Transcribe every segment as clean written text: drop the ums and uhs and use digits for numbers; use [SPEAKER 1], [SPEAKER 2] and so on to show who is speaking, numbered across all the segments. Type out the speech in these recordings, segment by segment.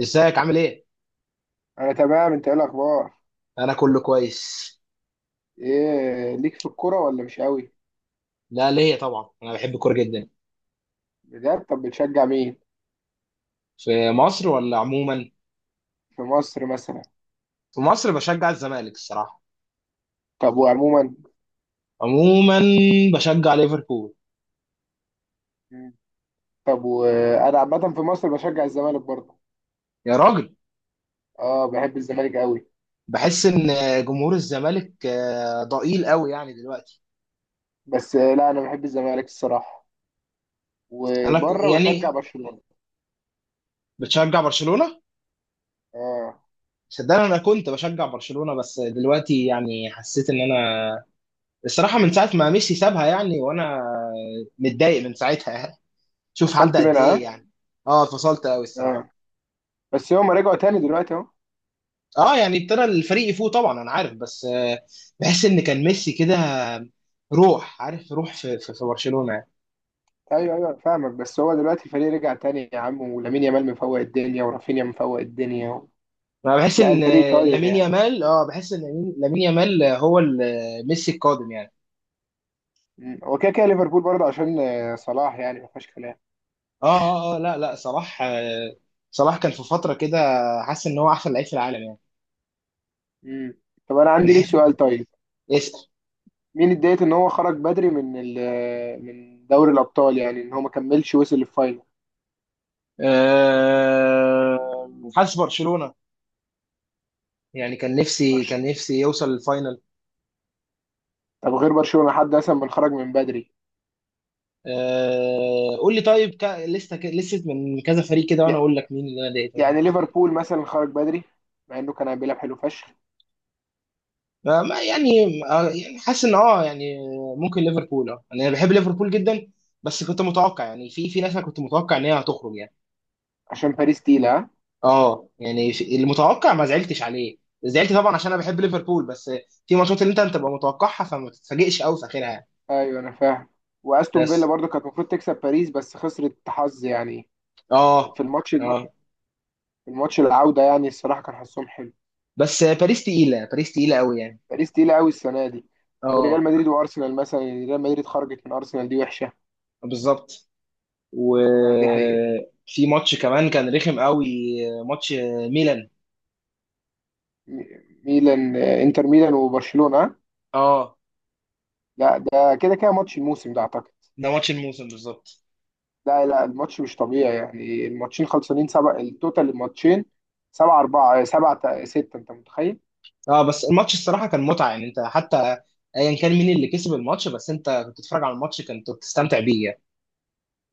[SPEAKER 1] ازيك عامل ايه؟
[SPEAKER 2] انا تمام، انت ايه الاخبار؟
[SPEAKER 1] انا كله كويس.
[SPEAKER 2] ايه ليك في الكوره ولا مش قوي؟
[SPEAKER 1] لا، ليا طبعا انا بحب الكوره جدا.
[SPEAKER 2] بجد؟ طب بتشجع مين؟
[SPEAKER 1] في مصر ولا عموما؟
[SPEAKER 2] في مصر مثلا.
[SPEAKER 1] في مصر بشجع الزمالك الصراحه.
[SPEAKER 2] طب وعموما؟
[SPEAKER 1] عموما بشجع ليفربول.
[SPEAKER 2] مم. طب وانا عامه في مصر بشجع الزمالك برضه.
[SPEAKER 1] يا راجل.
[SPEAKER 2] اه، بحب الزمالك قوي.
[SPEAKER 1] بحس ان جمهور الزمالك ضئيل قوي يعني دلوقتي.
[SPEAKER 2] بس لا انا بحب الزمالك الصراحه.
[SPEAKER 1] انا
[SPEAKER 2] وبره بشجع
[SPEAKER 1] يعني
[SPEAKER 2] برشلونه.
[SPEAKER 1] بتشجع برشلونه.
[SPEAKER 2] اه،
[SPEAKER 1] صدقني انا كنت بشجع برشلونه بس دلوقتي يعني حسيت ان انا الصراحه من ساعه ما ميسي سابها يعني وانا متضايق من ساعتها. شوف عدى
[SPEAKER 2] فصلت
[SPEAKER 1] قد
[SPEAKER 2] منها ها؟
[SPEAKER 1] ايه يعني. اه، اتفصلت قوي الصراحه.
[SPEAKER 2] اه، بس هم رجعوا تاني دلوقتي اهو.
[SPEAKER 1] اه يعني ابتدى الفريق يفوق طبعا، انا عارف بس بحس ان كان ميسي كده روح، عارف؟ روح في برشلونه يعني.
[SPEAKER 2] ايوه، ايوه، فاهمك، بس هو دلوقتي الفريق رجع تاني يا عم، ولامين يامال مفوق الدنيا ورافينيا مفوق الدنيا
[SPEAKER 1] انا بحس
[SPEAKER 2] لا،
[SPEAKER 1] ان
[SPEAKER 2] الفريق طاير
[SPEAKER 1] لامين
[SPEAKER 2] يعني.
[SPEAKER 1] يامال، بحس ان لامين يامال، هو ميسي القادم يعني.
[SPEAKER 2] مم. هو كده كده ليفربول برضه عشان صلاح، يعني ما فيهاش كلام.
[SPEAKER 1] اه اه لا لا، صلاح كان في فتره كده حاسس ان هو احسن لعيب في العالم يعني.
[SPEAKER 2] مم. طب انا عندي ليك سؤال طيب.
[SPEAKER 1] اسأل.
[SPEAKER 2] مين اتضايق ان هو خرج بدري من من دوري الابطال، يعني ان هو ما كملش وصل للفاينل؟
[SPEAKER 1] آه، حاسس برشلونه، يعني كان نفسي،
[SPEAKER 2] برش-
[SPEAKER 1] كان نفسي يوصل الفاينل.
[SPEAKER 2] طب غير برشلونة، حد مثلا من خرج من بدري؟
[SPEAKER 1] قول لي، طيب لسه من كذا فريق كده وانا
[SPEAKER 2] يع-
[SPEAKER 1] اقول لك مين اللي انا ضايقته منه.
[SPEAKER 2] يعني ليفربول مثلا خرج بدري. مع انه كان بيلعب حلو فشخ.
[SPEAKER 1] ما يعني يعني حاسس ان يعني ممكن ليفربول، يعني انا بحب ليفربول جدا بس كنت متوقع يعني في ناس انا كنت متوقع ان هي هتخرج يعني.
[SPEAKER 2] عشان باريس تقيلة، ها؟
[SPEAKER 1] اه يعني المتوقع ما زعلتش عليه، زعلت طبعا عشان انا بحب ليفربول بس في ماتشات اللي انت بتبقى متوقعها فما تتفاجئش قوي في اخرها يعني.
[SPEAKER 2] ايوه، انا فاهم. واستون فيلا
[SPEAKER 1] بس
[SPEAKER 2] برضه كانت المفروض تكسب باريس، بس خسرت حظ يعني.
[SPEAKER 1] اه
[SPEAKER 2] في الماتش في
[SPEAKER 1] اه،
[SPEAKER 2] الماتش العودة، يعني الصراحة كان حظهم حلو.
[SPEAKER 1] بس باريس تقيله، باريس تقيله قوي يعني.
[SPEAKER 2] باريس تقيلة قوي السنة دي. وريال
[SPEAKER 1] اه،
[SPEAKER 2] مدريد وأرسنال مثلا، يعني ريال مدريد خرجت من أرسنال، دي وحشة.
[SPEAKER 1] بالظبط،
[SPEAKER 2] آه، دي حقيقة.
[SPEAKER 1] وفي ماتش كمان كان رخم قوي. ماتش ميلان.
[SPEAKER 2] م- ميلان، إنتر ميلان وبرشلونة آه؟
[SPEAKER 1] اه،
[SPEAKER 2] لا، ده كده كده ماتش الموسم ده أعتقد.
[SPEAKER 1] ده ماتش الموسم بالظبط.
[SPEAKER 2] لا، لا، الماتش مش طبيعي يعني، الماتشين خلصانين سبعة التوتال. الماتشين 7-4، سبعة ستة، أنت متخيل؟
[SPEAKER 1] اه، بس الماتش الصراحه كان متعه يعني. انت حتى ايا كان مين اللي كسب الماتش، بس انت كنت بتتفرج على الماتش كنت بتستمتع بيه يعني.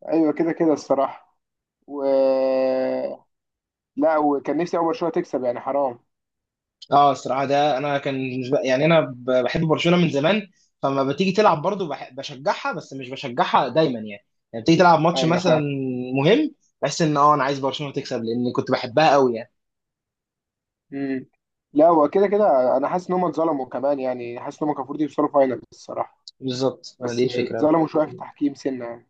[SPEAKER 2] أيوة، كده كده الصراحة. و لا، وكان نفسي أول برشلونة تكسب، يعني حرام.
[SPEAKER 1] اه الصراحه، ده انا كان يعني انا بحب برشلونه من زمان، فما بتيجي تلعب برضو بشجعها بس مش بشجعها دايما يعني. يعني بتيجي تلعب ماتش
[SPEAKER 2] أيوة،
[SPEAKER 1] مثلا
[SPEAKER 2] فاهم.
[SPEAKER 1] مهم، بحس ان انا عايز برشلونه تكسب لان كنت بحبها قوي يعني.
[SPEAKER 2] مم. لا، هو كده كده أنا حاسس إن هم اتظلموا كمان، يعني حاسس إن هم كان المفروض يوصلوا فاينل الصراحة.
[SPEAKER 1] بالظبط، دي
[SPEAKER 2] بس
[SPEAKER 1] الفكره بقى.
[SPEAKER 2] اتظلموا شويه في التحكيم سنه يعني.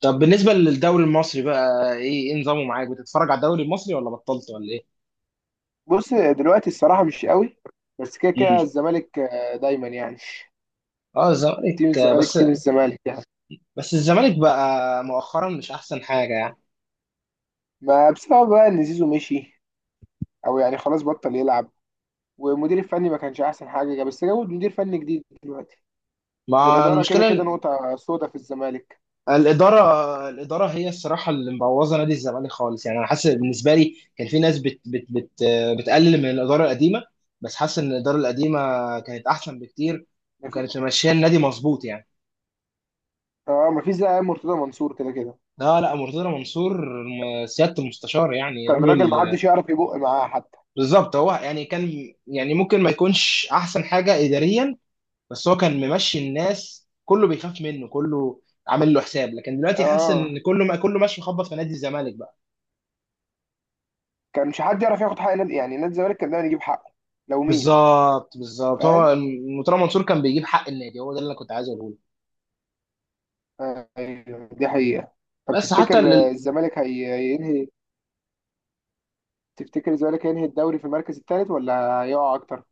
[SPEAKER 1] طب بالنسبة للدوري المصري بقى، ايه نظامه معاك؟ بتتفرج على الدوري المصري ولا بطلت ولا ايه؟
[SPEAKER 2] بص، دلوقتي الصراحه مش قوي. بس كده
[SPEAKER 1] امم.
[SPEAKER 2] كده الزمالك دايما يعني.
[SPEAKER 1] اه
[SPEAKER 2] تيم
[SPEAKER 1] الزمالك
[SPEAKER 2] الزمالك،
[SPEAKER 1] بس.
[SPEAKER 2] تيم الزمالك يعني.
[SPEAKER 1] بس الزمالك بقى مؤخرا مش احسن حاجة يعني.
[SPEAKER 2] ما بسبب بقى ان زيزو مشي. او يعني خلاص بطل يلعب. والمدير الفني ما كانش احسن حاجه، بس جابوا مدير فني جديد دلوقتي.
[SPEAKER 1] مع
[SPEAKER 2] والاداره كده
[SPEAKER 1] المشكلة
[SPEAKER 2] كده
[SPEAKER 1] ال-
[SPEAKER 2] نقطه سودا في الزمالك.
[SPEAKER 1] الإدارة، الإدارة هي الصراحة اللي مبوظة نادي الزمالك خالص يعني. أنا حاسس بالنسبة لي كان في ناس بت بت بت آه، بتقلل من الإدارة القديمة، بس حاسس إن الإدارة القديمة كانت أحسن بكتير،
[SPEAKER 2] ما في
[SPEAKER 1] وكانت ماشية النادي مظبوط يعني.
[SPEAKER 2] اه، ما فيش زي مرتضى منصور كده كده.
[SPEAKER 1] لا لا، مرتضى منصور، سيادة المستشار يعني
[SPEAKER 2] كان
[SPEAKER 1] راجل.
[SPEAKER 2] راجل، ما حدش يعرف يبق معاه حتى.
[SPEAKER 1] بالظبط، هو يعني كان يعني ممكن ما يكونش احسن حاجه اداريا، بس هو كان ممشي الناس، كله بيخاف منه، كله عامل له حساب. لكن دلوقتي حاسس
[SPEAKER 2] اه،
[SPEAKER 1] ان كله، ما كله ماشي مخبط في نادي الزمالك بقى.
[SPEAKER 2] كان مش حد يعرف ياخد حق نادي، يعني نادي الزمالك كان دايما يجيب حقه. لو مين
[SPEAKER 1] بالظبط، بالظبط،
[SPEAKER 2] فاهم.
[SPEAKER 1] هو مرتضى منصور كان بيجيب حق النادي، هو ده اللي انا كنت عايز اقوله لك.
[SPEAKER 2] ايوه، دي حقيقة. طب
[SPEAKER 1] بس حتى
[SPEAKER 2] تفتكر،
[SPEAKER 1] ال...
[SPEAKER 2] الزمالك هينهي. تفتكر الزمالك هينهي الدوري في المركز الثالث ولا هيقع اكتر؟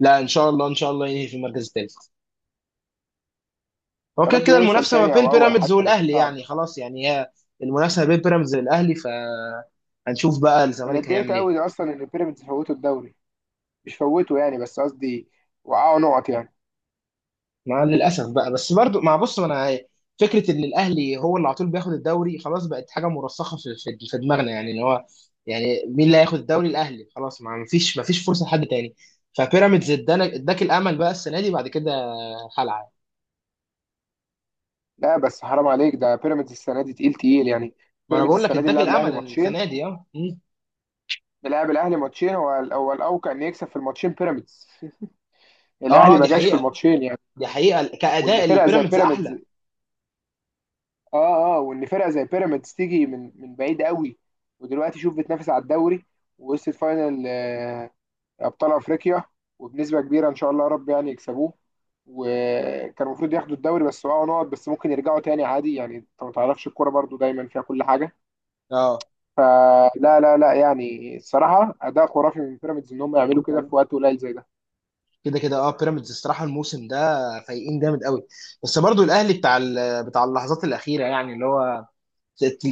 [SPEAKER 1] لا، ان شاء الله ان شاء الله ينهي في المركز الثالث. هو
[SPEAKER 2] يا
[SPEAKER 1] كده
[SPEAKER 2] رب
[SPEAKER 1] كده
[SPEAKER 2] يوصل
[SPEAKER 1] المنافسه ما
[SPEAKER 2] تاني
[SPEAKER 1] بين
[SPEAKER 2] او اول
[SPEAKER 1] بيراميدز
[SPEAKER 2] حتى، بس
[SPEAKER 1] والاهلي
[SPEAKER 2] صعب.
[SPEAKER 1] يعني، خلاص يعني هي المنافسه ما بين بيراميدز والاهلي، فهنشوف بقى
[SPEAKER 2] انا
[SPEAKER 1] الزمالك
[SPEAKER 2] اتضايقت
[SPEAKER 1] هيعمل ايه.
[SPEAKER 2] قوي اصلا ان بيراميدز فوتوا الدوري. مش فوتوا يعني، بس قصدي. وقعوا نقط يعني.
[SPEAKER 1] مع للاسف بقى، بس برضو مع، بص، ما انا فكره ان الاهلي هو اللي على طول بياخد الدوري خلاص بقت حاجه مرسخه في في دماغنا يعني، ان هو يعني مين اللي هياخد الدوري؟ الاهلي خلاص، ما فيش فرصه لحد تاني. فبيراميدز ادانا، اداك الامل بقى السنه دي بعد كده خلع.
[SPEAKER 2] لا، بس حرام عليك، ده بيراميدز السنة دي تقيل تقيل يعني.
[SPEAKER 1] ما انا
[SPEAKER 2] بيراميدز
[SPEAKER 1] بقول لك
[SPEAKER 2] السنة دي
[SPEAKER 1] اداك
[SPEAKER 2] ملعب الاهلي
[SPEAKER 1] الامل
[SPEAKER 2] ماتشين.
[SPEAKER 1] السنه دي. اه. مم.
[SPEAKER 2] ملعب الاهلي ماتشين، هو الاوقع ان يكسب في الماتشين بيراميدز. الاهلي
[SPEAKER 1] اه
[SPEAKER 2] ما
[SPEAKER 1] دي
[SPEAKER 2] جاش في
[SPEAKER 1] حقيقه،
[SPEAKER 2] الماتشين يعني.
[SPEAKER 1] دي حقيقه
[SPEAKER 2] وان
[SPEAKER 1] كاداء
[SPEAKER 2] فرقة زي
[SPEAKER 1] البيراميدز
[SPEAKER 2] بيراميدز
[SPEAKER 1] احلى.
[SPEAKER 2] اه، اه، وان فرقه زي بيراميدز تيجي من بعيد قوي. ودلوقتي شوف بتنافس على الدوري. ووصلت فاينل ابطال افريقيا. وبنسبه كبيره ان شاء الله يا رب يعني يكسبوه. وكان المفروض ياخدوا الدوري، بس وقعوا نقط، بس ممكن يرجعوا تاني عادي يعني، انت ما تعرفش الكوره برضو دايما فيها كل حاجه.
[SPEAKER 1] اه
[SPEAKER 2] فلا، لا، لا، يعني الصراحه اداء خرافي من بيراميدز ان هم يعملوا كده في وقت قليل زي ده.
[SPEAKER 1] كده كده، بيراميدز الصراحه الموسم ده فايقين جامد قوي. بس برضو الاهلي بتاع اللحظات الاخيره يعني، اللي هو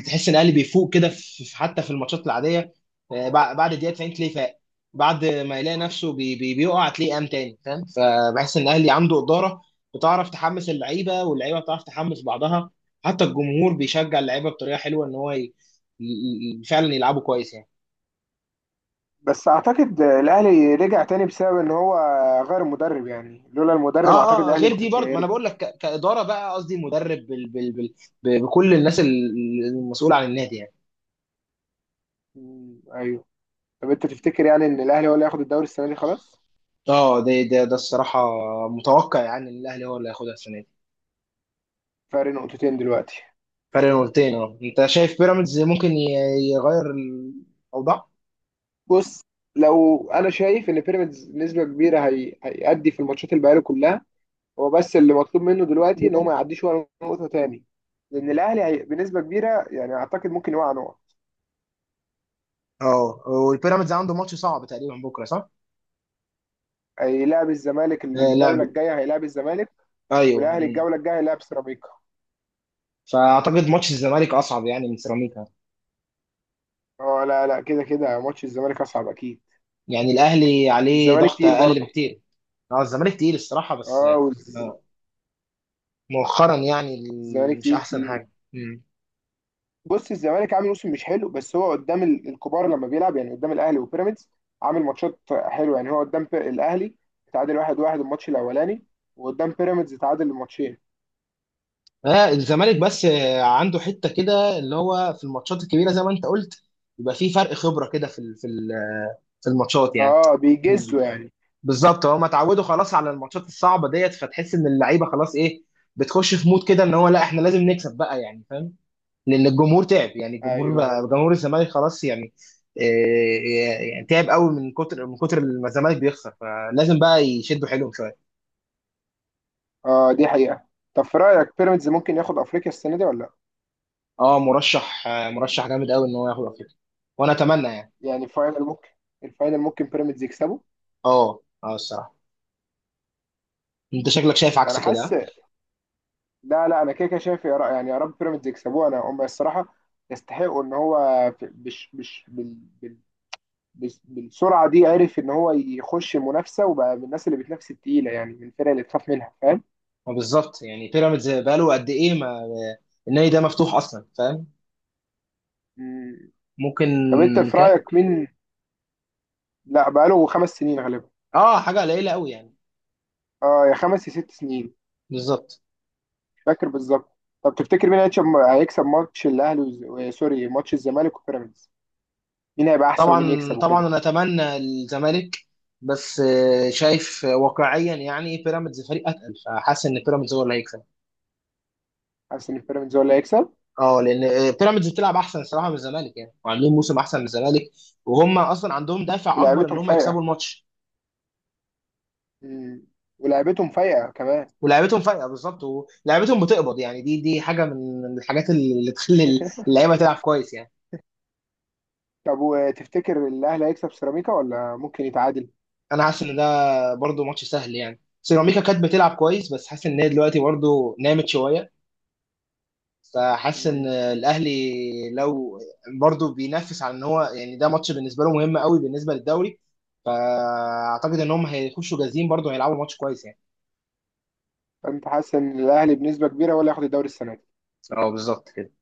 [SPEAKER 1] تحس ان الاهلي بيفوق كده حتى في الماتشات العاديه. بعد الدقيقه 90 تلاقيه فاق، بعد ما يلاقي نفسه بي بي بيقع تلاقيه قام تاني، فاهم؟ فبحس ان الاهلي عنده اداره بتعرف تحمس اللعيبه، واللعيبه بتعرف تحمس بعضها، حتى الجمهور بيشجع اللعيبه بطريقه حلوه ان هو ي... فعلا يلعبوا كويس يعني.
[SPEAKER 2] بس اعتقد الاهلي رجع تاني بسبب ان هو غير المدرب، يعني لولا المدرب اعتقد
[SPEAKER 1] اه اه،
[SPEAKER 2] الاهلي
[SPEAKER 1] غير
[SPEAKER 2] ما
[SPEAKER 1] دي
[SPEAKER 2] كانش
[SPEAKER 1] برضه، ما انا
[SPEAKER 2] هيرجع.
[SPEAKER 1] بقول لك كاداره بقى، قصدي مدرب بكل الناس المسؤوله عن النادي يعني.
[SPEAKER 2] مم، ايوه. طب انت تفتكر يعني ان الاهلي هو اللي هياخد الدوري السنه دي خلاص؟
[SPEAKER 1] اه ده الصراحه متوقع يعني ان الاهلي هو اللي هياخدها السنه دي.
[SPEAKER 2] فرق نقطتين دلوقتي.
[SPEAKER 1] فرق نقطتين، انت شايف بيراميدز ممكن يغير الاوضاع؟
[SPEAKER 2] بص، لو انا شايف ان بيراميدز نسبه كبيره هيأدي في الماتشات اللي بقاله كلها. هو بس اللي مطلوب منه دلوقتي ان هو ما يعديش ولا نقطه تاني. لان الاهلي بنسبه كبيره، يعني اعتقد ممكن يوقع نقط.
[SPEAKER 1] اه والبيراميدز عنده ماتش صعب تقريبا بكره، صح؟
[SPEAKER 2] هيلاعب الزمالك
[SPEAKER 1] آه لا،
[SPEAKER 2] الجوله الجايه، هيلاعب الزمالك.
[SPEAKER 1] ايوه.
[SPEAKER 2] والاهلي
[SPEAKER 1] مم.
[SPEAKER 2] الجوله الجايه هيلاعب سيراميكا.
[SPEAKER 1] فاعتقد ماتش الزمالك اصعب يعني من سيراميكا،
[SPEAKER 2] اه، لا، لا، كده كده ماتش الزمالك اصعب اكيد.
[SPEAKER 1] يعني الاهلي عليه
[SPEAKER 2] الزمالك
[SPEAKER 1] ضغط
[SPEAKER 2] تقيل
[SPEAKER 1] اقل
[SPEAKER 2] برضه.
[SPEAKER 1] بكتير. اه الزمالك تقيل الصراحه بس.
[SPEAKER 2] اه،
[SPEAKER 1] آه، مؤخرا يعني
[SPEAKER 2] الزمالك
[SPEAKER 1] مش
[SPEAKER 2] تقيل
[SPEAKER 1] احسن
[SPEAKER 2] تقيل.
[SPEAKER 1] حاجه. مم.
[SPEAKER 2] بص، الزمالك عامل موسم مش حلو، بس هو قدام الكبار لما بيلعب يعني، قدام الاهلي وبيراميدز. عامل ماتشات حلوه يعني، هو قدام الاهلي. تعادل 1-1 الماتش الاولاني. وقدام بيراميدز تعادل الماتشين.
[SPEAKER 1] آه الزمالك بس عنده حته كده اللي هو في الماتشات الكبيره زي ما انت قلت يبقى في فرق خبره كده في الماتشات يعني.
[SPEAKER 2] اه، بيجزوا يعني.
[SPEAKER 1] بالظبط، هما اتعودوا خلاص على الماتشات الصعبه ديت، فتحس ان اللعيبه خلاص ايه، بتخش في مود كده ان هو لا احنا لازم نكسب بقى، يعني فاهم؟ لان الجمهور تعب يعني، الجمهور
[SPEAKER 2] ايوه، ايوه.
[SPEAKER 1] بقى جمهور الزمالك خلاص يعني إيه يعني، تعب قوي من كتر من كتر ما الزمالك بيخسر، فلازم بقى يشدوا حيلهم شويه.
[SPEAKER 2] اه، دي حقيقه. طب في رايك بيراميدز ممكن ياخد افريقيا السنه دي ولا لا؟
[SPEAKER 1] اه، مرشح جامد قوي ان هو ياخد افريقيا، وانا اتمنى يعني.
[SPEAKER 2] يعني الفاينل ممكن. الفاينل ممكن بيراميدز يكسبه.
[SPEAKER 1] اه اه الصراحه، انت شكلك شايف
[SPEAKER 2] انا
[SPEAKER 1] عكس كده،
[SPEAKER 2] حاسس.
[SPEAKER 1] ها؟
[SPEAKER 2] لا، لا، انا كده كده شايف يعني يا رب بيراميدز يكسبوه، انا هم الصراحه يستحقوا ان هو في- بش بش بال- بالسرعه دي عرف ان هو يخش منافسه وبقى من الناس اللي بتنافس التقيله يعني، من الفرق اللي تخاف منها، فاهم؟
[SPEAKER 1] ما بالظبط، يعني بيراميدز بقاله قد ايه؟ ما النادي ده مفتوح اصلا، فاهم؟
[SPEAKER 2] مم.
[SPEAKER 1] ممكن
[SPEAKER 2] طب انت في
[SPEAKER 1] كام؟
[SPEAKER 2] رايك مين؟ لا، بقاله 5 سنين غالبا.
[SPEAKER 1] اه حاجه قليله قوي يعني.
[SPEAKER 2] اه، يا خمس يا 6 سنين.
[SPEAKER 1] بالظبط.
[SPEAKER 2] مش فاكر بالظبط. طب تفتكر مين هيكسب؟ هيكسب ماتش الاهلي سوري، ماتش الزمالك وبيراميدز. مين هيبقى احسن ومين
[SPEAKER 1] طبعا
[SPEAKER 2] يكسب
[SPEAKER 1] طبعا
[SPEAKER 2] وكده؟
[SPEAKER 1] انا اتمنى الزمالك، بس شايف واقعيا يعني بيراميدز فريق اتقل، فحاسس ان بيراميدز هو اللي هيكسب.
[SPEAKER 2] حاسس ان بيراميدز هو اللي هيكسب.
[SPEAKER 1] اه لان بيراميدز بتلعب احسن الصراحه من الزمالك يعني، وعاملين موسم احسن من الزمالك، وهم اصلا عندهم دافع اكبر ان
[SPEAKER 2] ولعبتهم
[SPEAKER 1] هم يكسبوا
[SPEAKER 2] فايقه.
[SPEAKER 1] الماتش.
[SPEAKER 2] مم. ولعبتهم فايقه كمان.
[SPEAKER 1] ولعيبتهم فايقه بالظبط، ولعيبتهم بتقبض يعني، دي حاجه من الحاجات اللي تخلي اللعيبه تلعب كويس يعني.
[SPEAKER 2] طب وتفتكر الاهلي هيكسب سيراميكا ولا ممكن يتعادل؟
[SPEAKER 1] انا حاسس ان ده برضو ماتش سهل يعني، سيراميكا كانت بتلعب كويس بس حاسس ان هي دلوقتي برضو نامت شويه، فحاسس ان
[SPEAKER 2] مم.
[SPEAKER 1] الاهلي لو برضه بينافس على ان هو يعني، ده ماتش بالنسبه له مهم قوي بالنسبه للدوري، فاعتقد ان هم هيخشوا جاهزين برضه، هيلعبوا ماتش كويس يعني.
[SPEAKER 2] فانت حاسس ان الاهلي بنسبه كبيره ولا ياخد الدوري السنه دي؟
[SPEAKER 1] اه بالظبط كده.